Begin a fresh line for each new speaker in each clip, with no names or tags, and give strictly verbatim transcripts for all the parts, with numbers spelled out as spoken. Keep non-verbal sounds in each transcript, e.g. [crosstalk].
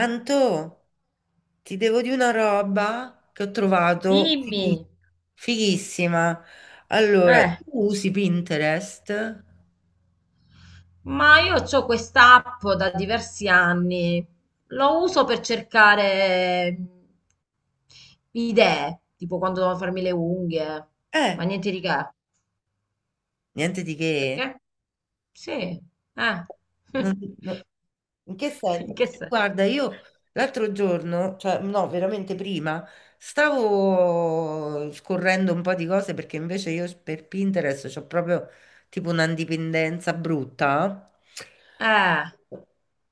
Anto, ti devo di una roba che ho trovato fighi-
Dimmi,
fighissima. Allora, tu
eh,
usi Pinterest?
Ma io ho quest'app da diversi anni, lo uso per cercare mm, idee, tipo quando devo farmi le unghie, ma
Eh,
niente di che.
Niente di che.
Perché? Sì, eh.
Non-
[laughs]
non- In che
In
senso?
che
Perché
senso?
guarda, io l'altro giorno, cioè no, veramente prima, stavo scorrendo un po' di cose perché invece io per Pinterest ho proprio tipo una dipendenza brutta.
Eh,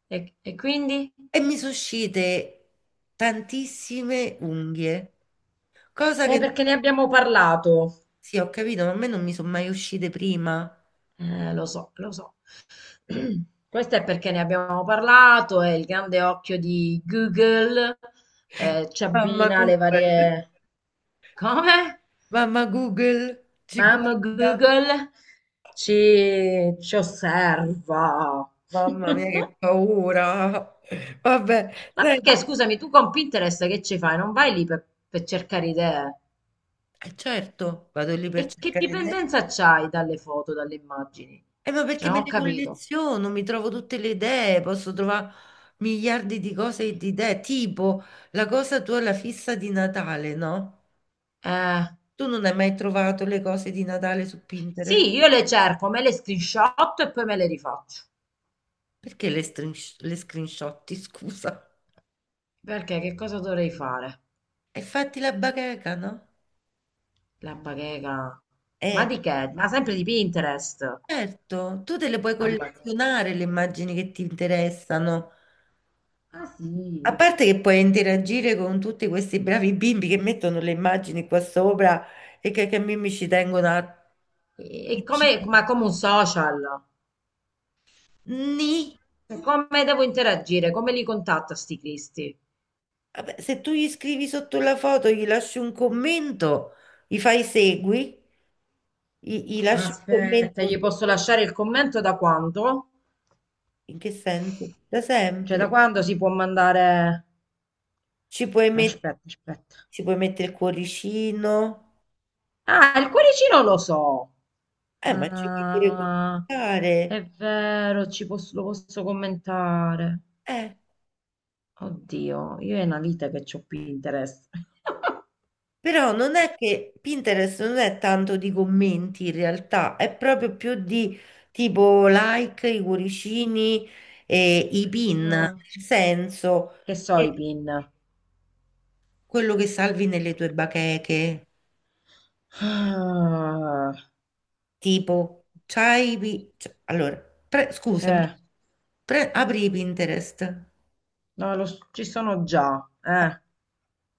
e, e quindi?
E mi sono uscite tantissime unghie, cosa
Eh,
che...
perché ne abbiamo parlato.
Sì, ho capito, ma a me non mi sono mai uscite prima.
Eh, lo so, lo so. Questo è perché ne abbiamo parlato e il grande occhio di Google eh, ci
Mamma
abbina le
Google,
varie. Come?
mamma Google ci
Mamma
guarda.
Google ci, ci osserva. [laughs]
Mamma mia, che paura. Vabbè,
Ma perché,
senti.
scusami, tu con Pinterest che ci fai? Non vai lì per, per cercare idee?
E certo, vado lì per
E che
cercare idee.
dipendenza c'hai dalle foto, dalle immagini?
Eh, ma perché
Cioè, non
me
ho
le
capito.
colleziono, mi trovo tutte le idee, posso trovare miliardi di cose e di idee, tipo la cosa tua, la fissa di Natale, no?
Eh,
Tu non hai mai trovato le cose di Natale su Pinterest?
sì, io le cerco, me le screenshot e poi me le rifaccio.
Perché le, strin- le screenshotti, [laughs] scusa?
Perché che cosa dovrei fare?
E fatti la bacheca, no?
La bacheca. Ma
Eh,
di che? Ma sempre di Pinterest.
certo, tu te le puoi
La bacheca. [laughs]
collezionare le immagini che ti interessano.
Ah
A
sì.
parte che puoi interagire con tutti questi bravi bimbi che mettono le immagini qua sopra e che, che mi ci tengono a...
E e come, ma come un social.
Ni.
Cioè, come devo interagire? Come li contatto a sti cristi?
Vabbè, se tu gli scrivi sotto la foto, gli lasci un commento, gli fai segui, gli, gli lasci un
Aspetta. Se gli
commento.
posso lasciare il commento da quando?
In che senso? Da
Cioè, da
sempre.
quando si può mandare.
Ci puoi, met-
Aspetta, aspetta.
Ci puoi mettere il cuoricino,
Ah, il cuoricino lo so.
eh, ma ci puoi pure
Ah,
commentare.
è vero, ci posso, lo posso commentare.
Eh,
Oddio, io è una vita che c'ho Pinterest. [laughs]
Però non è che Pinterest non è tanto di commenti in realtà, è proprio più di tipo like, i cuoricini e i pin, nel
Ah,
senso
che so i
che
pin?
quello che salvi nelle tue bacheche,
Ah,
tipo, c'hai... i pi- cioè, allora, pre- scusami,
eh,
pre- apri Pinterest. Eh,
no, lo s- ci sono già. Eh,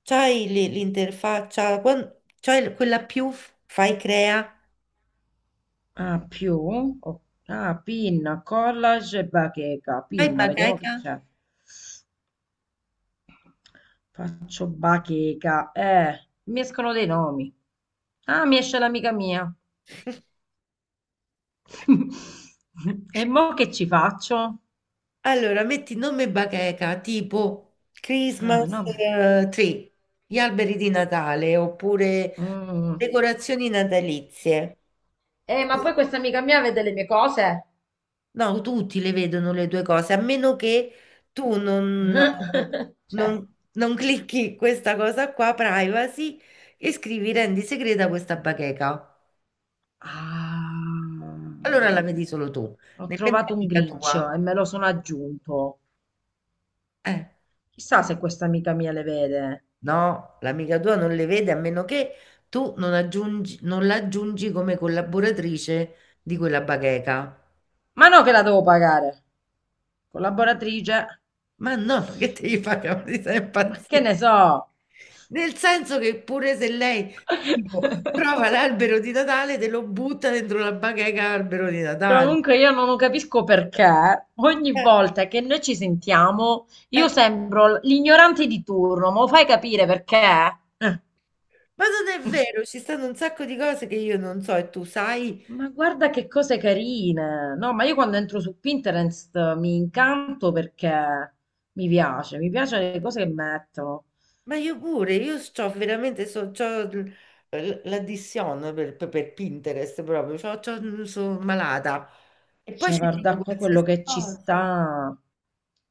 C'hai l- l'interfaccia, quan- c'hai l- quella più, f- fai crea,
Ah, più. o- ah, pin, collage e bacheca.
fai
Pin, vediamo che
bacheca.
c'è. Faccio bacheca. Eh, mi escono dei nomi. Ah, mi esce l'amica mia.
[laughs]
[laughs] E mo che ci faccio?
Allora, metti nome bacheca, tipo Christmas
Ah, no, ma.
eh, tree, gli alberi di Natale, oppure
Mm.
decorazioni natalizie.
Eh, ma poi
Così.
questa amica mia vede le mie cose.
No, tutti le vedono le due cose, a meno che tu non,
[laughs] Cioè,
non- non clicchi questa cosa qua, privacy, e scrivi rendi segreta questa bacheca. Allora
ah,
la vedi solo tu,
ho
nemmeno
trovato un
l'amica
grincio
tua.
e me lo sono aggiunto.
Eh,
Chissà se questa amica mia le vede.
no, l'amica tua non le vede a meno che tu non aggiungi, non la aggiungi come collaboratrice di quella bacheca.
Ma no che la devo pagare. Collaboratrice.
Ma no, ma che devi fare? [laughs] Mi stai
Ma che
impazzire.
ne so?
Nel senso che pure se lei tipo,
[laughs]
trova l'albero di Natale, te lo butta dentro la bacheca albero di Natale.
Comunque io non capisco perché ogni
Eh,
volta che noi ci sentiamo io
eh.
sembro l'ignorante di turno, ma lo fai capire perché? Eh,
Ma non è vero, ci stanno un sacco di cose che io non so e tu sai.
Ma guarda che cose carine! No, ma io quando entro su Pinterest mi incanto perché mi piace, mi piacciono le cose che mettono.
Ma io pure, io c'ho veramente, so, c'ho l- l- l'addiction per, per- per Pinterest proprio, c'ho, c'ho- sono malata. E poi
Cioè,
ci
guarda
trovo
qua quello
qualsiasi
che ci
cosa.
sta.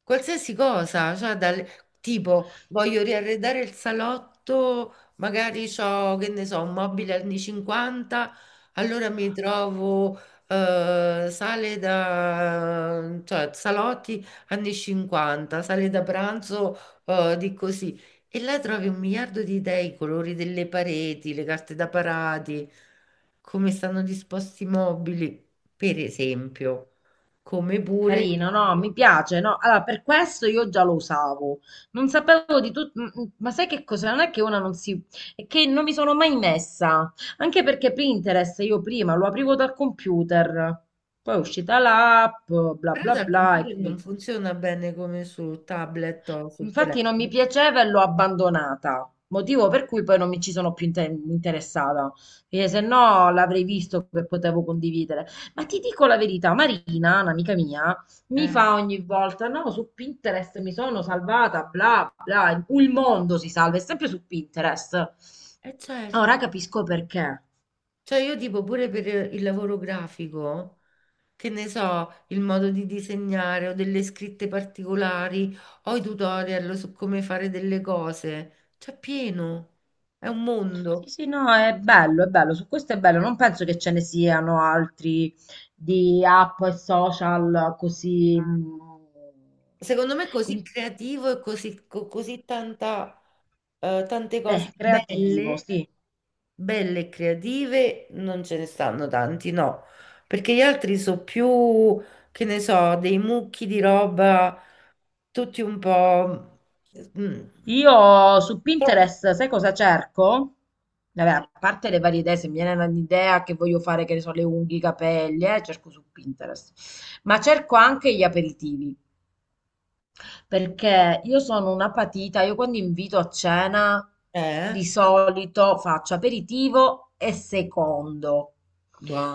Qualsiasi cosa, cioè dal, tipo voglio riarredare il salotto, magari ho, che ne so, un mobile anni cinquanta, allora mi trovo eh, sale da, cioè salotti anni cinquanta, sale da pranzo eh, di così. E là trovi un miliardo di idee, i colori delle pareti, le carte da parati, come stanno disposti i mobili, per esempio, come pure...
Carino, no, mi piace, no. Allora, per questo io già lo usavo. Non sapevo di tutto, ma sai che cosa? Non è che una non si. È che non mi sono mai messa. Anche perché Pinterest io prima lo aprivo dal computer, poi è uscita l'app, bla
Però
bla
dal
bla, e
computer non
quindi.
funziona bene come sul tablet o sul
Infatti non mi
telefono.
piaceva e l'ho abbandonata, motivo per cui poi non mi ci sono più inte- interessata, perché se no l'avrei visto che potevo condividere. Ma ti dico la verità, Marina, un'amica mia, mi
Eh,
fa ogni volta, no, su Pinterest mi sono salvata, bla bla, il mondo si salva, è sempre su Pinterest.
eh, certo.
Ora capisco perché.
Cioè io tipo pure per il lavoro grafico, che ne so, il modo di disegnare o delle scritte particolari o i tutorial su come fare delle cose, c'è pieno, è un
Sì,
mondo.
sì, no, è bello, è bello, su questo è bello, non penso che ce ne siano altri di app e social così mh,
Secondo me è così
in-
creativo e così, co- così tanta, eh, tante cose
eh, creativo,
belle.
sì.
Belle e creative non ce ne stanno tanti, no, perché gli altri sono più, che ne so, dei mucchi di roba, tutti un po'... mm,
Io su
troppo-
Pinterest, sai cosa cerco? Vabbè, a parte le varie idee, se mi viene un'idea che voglio fare, che ne so, le unghie, i capelli, eh, cerco su Pinterest, ma cerco anche gli aperitivi. Perché io sono una patita, io quando invito a cena
Eh?
di solito faccio aperitivo e secondo,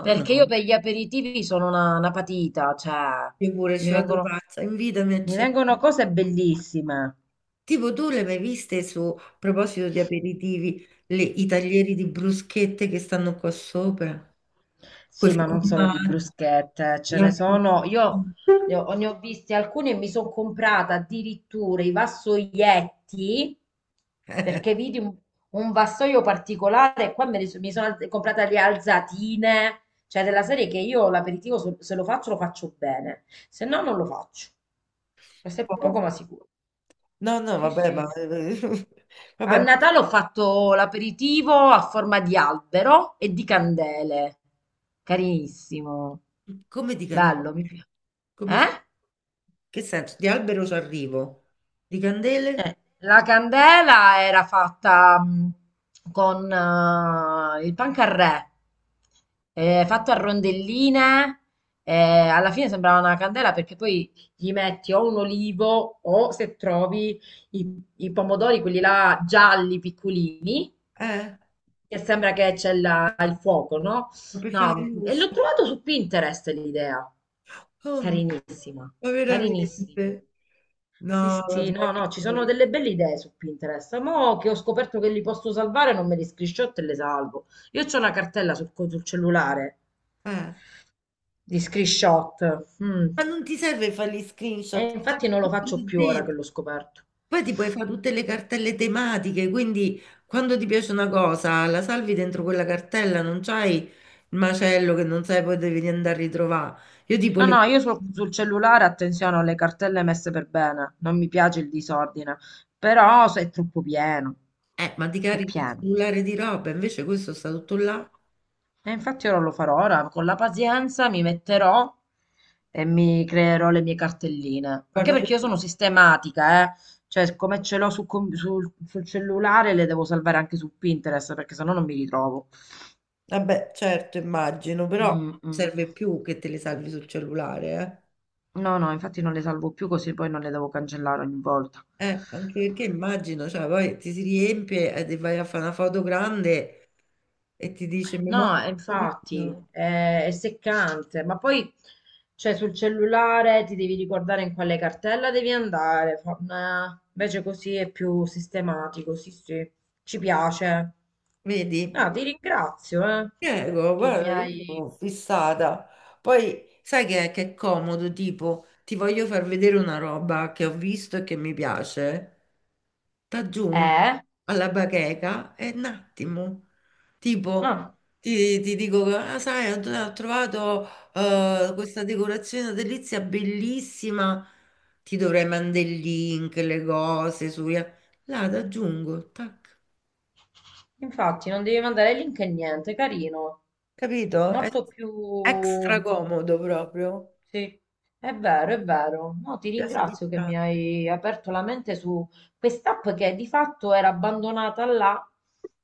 perché io per gli aperitivi sono una, una patita, cioè
io pure
mi
ci vado
vengono,
pazza, invitami a
mi
cena.
vengono cose bellissime.
Tipo tu le hai mai viste su, a proposito di aperitivi, le- i taglieri di bruschette che stanno qua sopra? Quei
Sì, ma non solo di
formaggi.
bruschette, ce ne
la-
sono. Io ne ho, ne ho viste alcune e mi sono comprata addirittura i vassoietti
[laughs] Eh,
perché vidi un, un vassoio particolare e qua me ne so- mi sono alz- comprata le alzatine, cioè della serie che io l'aperitivo se se lo faccio lo faccio bene, se no non lo faccio. Questo è poco ma sicuro.
no, no,
Sì,
vabbè, ma...
sì.
[laughs]
A
vabbè, ma
Natale ho fatto l'aperitivo a forma di albero e di candele. Carinissimo.
come di candele?
Bello, mi piace.
Come fa-
Eh?
Che senso? Di albero ci arrivo. Di candele?
Eh, la candela era fatta mh, con eh, il pancarré, eh, fatto a rondelline, eh, alla fine sembrava una candela perché poi gli metti o un olivo o se trovi i, i pomodori, quelli là gialli piccolini,
Eh,
che sembra che c'è la- il fuoco, no?
ma per fare la
No, e
luce.
l'ho trovato su Pinterest l'idea.
Come?
Carinissima,
Ma
carinissima.
veramente?
Sì,
No,
sì, no, no, ci
vabbè.
sono delle belle idee su Pinterest. Mo' che ho scoperto che li posso salvare, non me li screenshot e le salvo. Io c'ho una cartella sul, co- sul cellulare
Eh.
di screenshot. mm,
Ma non ti serve fare gli
E
screenshot, ti
infatti
serve
non lo
tutto
faccio
lì
più ora che
dentro.
l'ho scoperto.
Poi ti puoi fare tutte le cartelle tematiche, quindi quando ti piace una cosa, la salvi dentro quella cartella, non c'hai il macello che non sai poi devi andare a ritrovare. Io tipo
No,
le...
no, io sul, sul cellulare attenzione, ho le cartelle messe per bene. Non mi piace il disordine, però se è troppo pieno.
Eh, ma ti
È
carichi il
pieno.
cellulare di roba, invece questo sta tutto là.
E infatti ora lo farò, ora con la pazienza mi metterò e mi creerò le mie cartelline. Anche
Guarda, io-
perché io sono sistematica, eh. Cioè, come ce l'ho su com- sul, sul cellulare, le devo salvare anche su Pinterest, perché sennò non mi ritrovo.
vabbè, certo, immagino, però
Mm,
non
mm.
serve più che te le salvi sul cellulare,
No, no, infatti non le salvo più così poi non le devo cancellare ogni volta.
eh. Eh, anche perché immagino, cioè, poi ti si riempie e ti vai a fare una foto grande e ti dice memoria,
No, eh, infatti è, è seccante, ma poi cioè, sul cellulare ti devi ricordare in quale cartella devi andare. Fa- nah, invece così è più sistematico, sì, sì, ci piace.
vedi?
Ah, ti ringrazio, eh,
Prego,
che mi
guarda, io
hai.
sono fissata. Poi sai che è, che è comodo, tipo, ti voglio far vedere una roba che ho visto e che mi piace. T'aggiungo
Eh?
alla bacheca e un attimo, tipo,
Ah,
ti, ti dico, ah, sai, ho, ho trovato eh, questa decorazione delizia bellissima, ti dovrei mandare il link, le cose, su... Là, t'aggiungo, tac.
infatti non devi mandare link e niente, carino,
Capito? È
molto
extra
più.
comodo proprio.
Sì, è vero, è vero. No, ti
Piace
ringrazio
proprio
che mi
tanto.
hai aperto la mente su quest'app che di fatto era abbandonata là,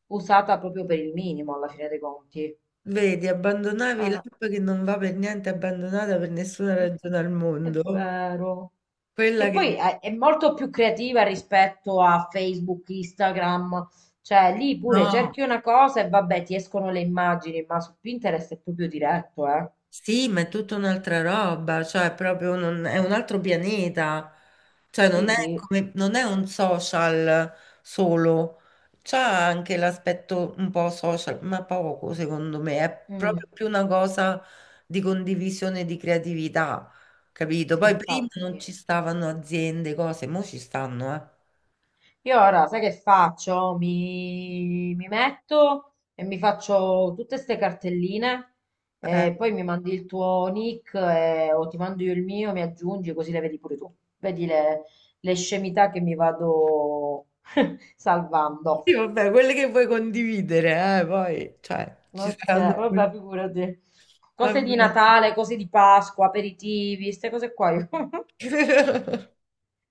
usata proprio per il minimo alla fine dei conti.
Vedi, abbandonavi
Ah,
l'app che non va per niente abbandonata per nessuna ragione al
è
mondo.
vero.
Quella
Che poi
che
è, è molto più creativa rispetto a Facebook, Instagram. Cioè, lì pure
no,
cerchi una cosa e vabbè, ti escono le immagini, ma su Pinterest è proprio diretto, eh.
sì, ma è tutta un'altra roba, cioè proprio non- è un altro pianeta, cioè non
Sì,
è
sì.
come, non è un social solo, c'ha anche l'aspetto un po' social, ma poco secondo me, è
Mm,
proprio più una cosa di condivisione di creatività, capito?
sì,
Poi prima non
infatti.
ci stavano aziende, cose, mo ci stanno, eh.
Io ora, sai che faccio? Mi, mi metto e mi faccio tutte queste cartelline
Eh,
e poi mi mandi il tuo nick e- o ti mando io il mio, mi aggiungi così le vedi pure tu. Vedi le, le scemità che mi vado [laughs] salvando.
sì, vabbè, quelle che vuoi condividere, eh, poi, cioè, ci
Ok,
saranno... quelle-
vabbè, figurati. Cose di
Vabbè.
Natale, cose di Pasqua, aperitivi, queste cose qua. io- [laughs]
[laughs]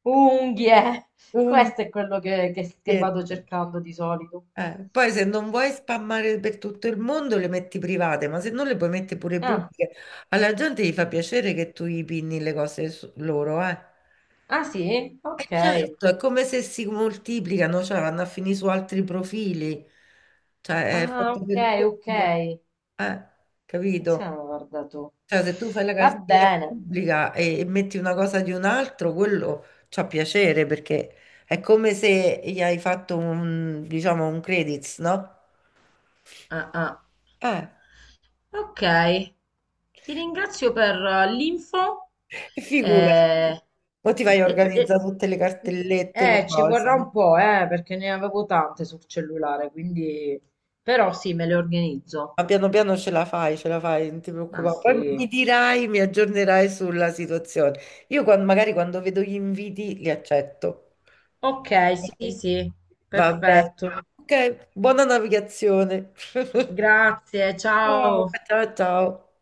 Unghie.
Un
Questo è quello che, che che vado
biglietto.
cercando di solito.
Eh, poi se non vuoi spammare per tutto il mondo le metti private, ma se non le puoi mettere pure
Ah.
pubbliche, alla gente gli fa piacere che tu gli pinni le cose su- loro, eh.
Ah sì?
E
Ok.
certo, è come se si moltiplicano, cioè vanno a finire su altri profili. Cioè, è
Ah,
fatto
ok,
per
ok.
quello. Eh, Capito?
Siamo, guarda tu.
Cioè, se tu fai la
Va
cartella
bene.
pubblica e, e metti una cosa di un altro, quello c'ha piacere perché è come se gli hai fatto un, diciamo, un credits, no?
Ah, ah.
Eh,
Ok, ti ringrazio per eh, l'info.
[laughs] figurati.
Eh,
Poi ti vai a
e- e-
organizzare tutte le cartellette, le
eh, Ci vorrà
cose.
un po', eh, perché ne avevo tante sul cellulare, quindi. Però sì, me le organizzo.
Ma piano piano ce la fai, ce la fai, non ti
Ah
preoccupare. Poi mi
sì.
dirai, mi aggiornerai sulla situazione. Io quan- magari quando vedo gli inviti li accetto.
Ok, sì,
Ok.
sì,
Va bene.
perfetto.
Ok, buona navigazione. [laughs]
Grazie,
Eh,
ciao.
ciao ciao.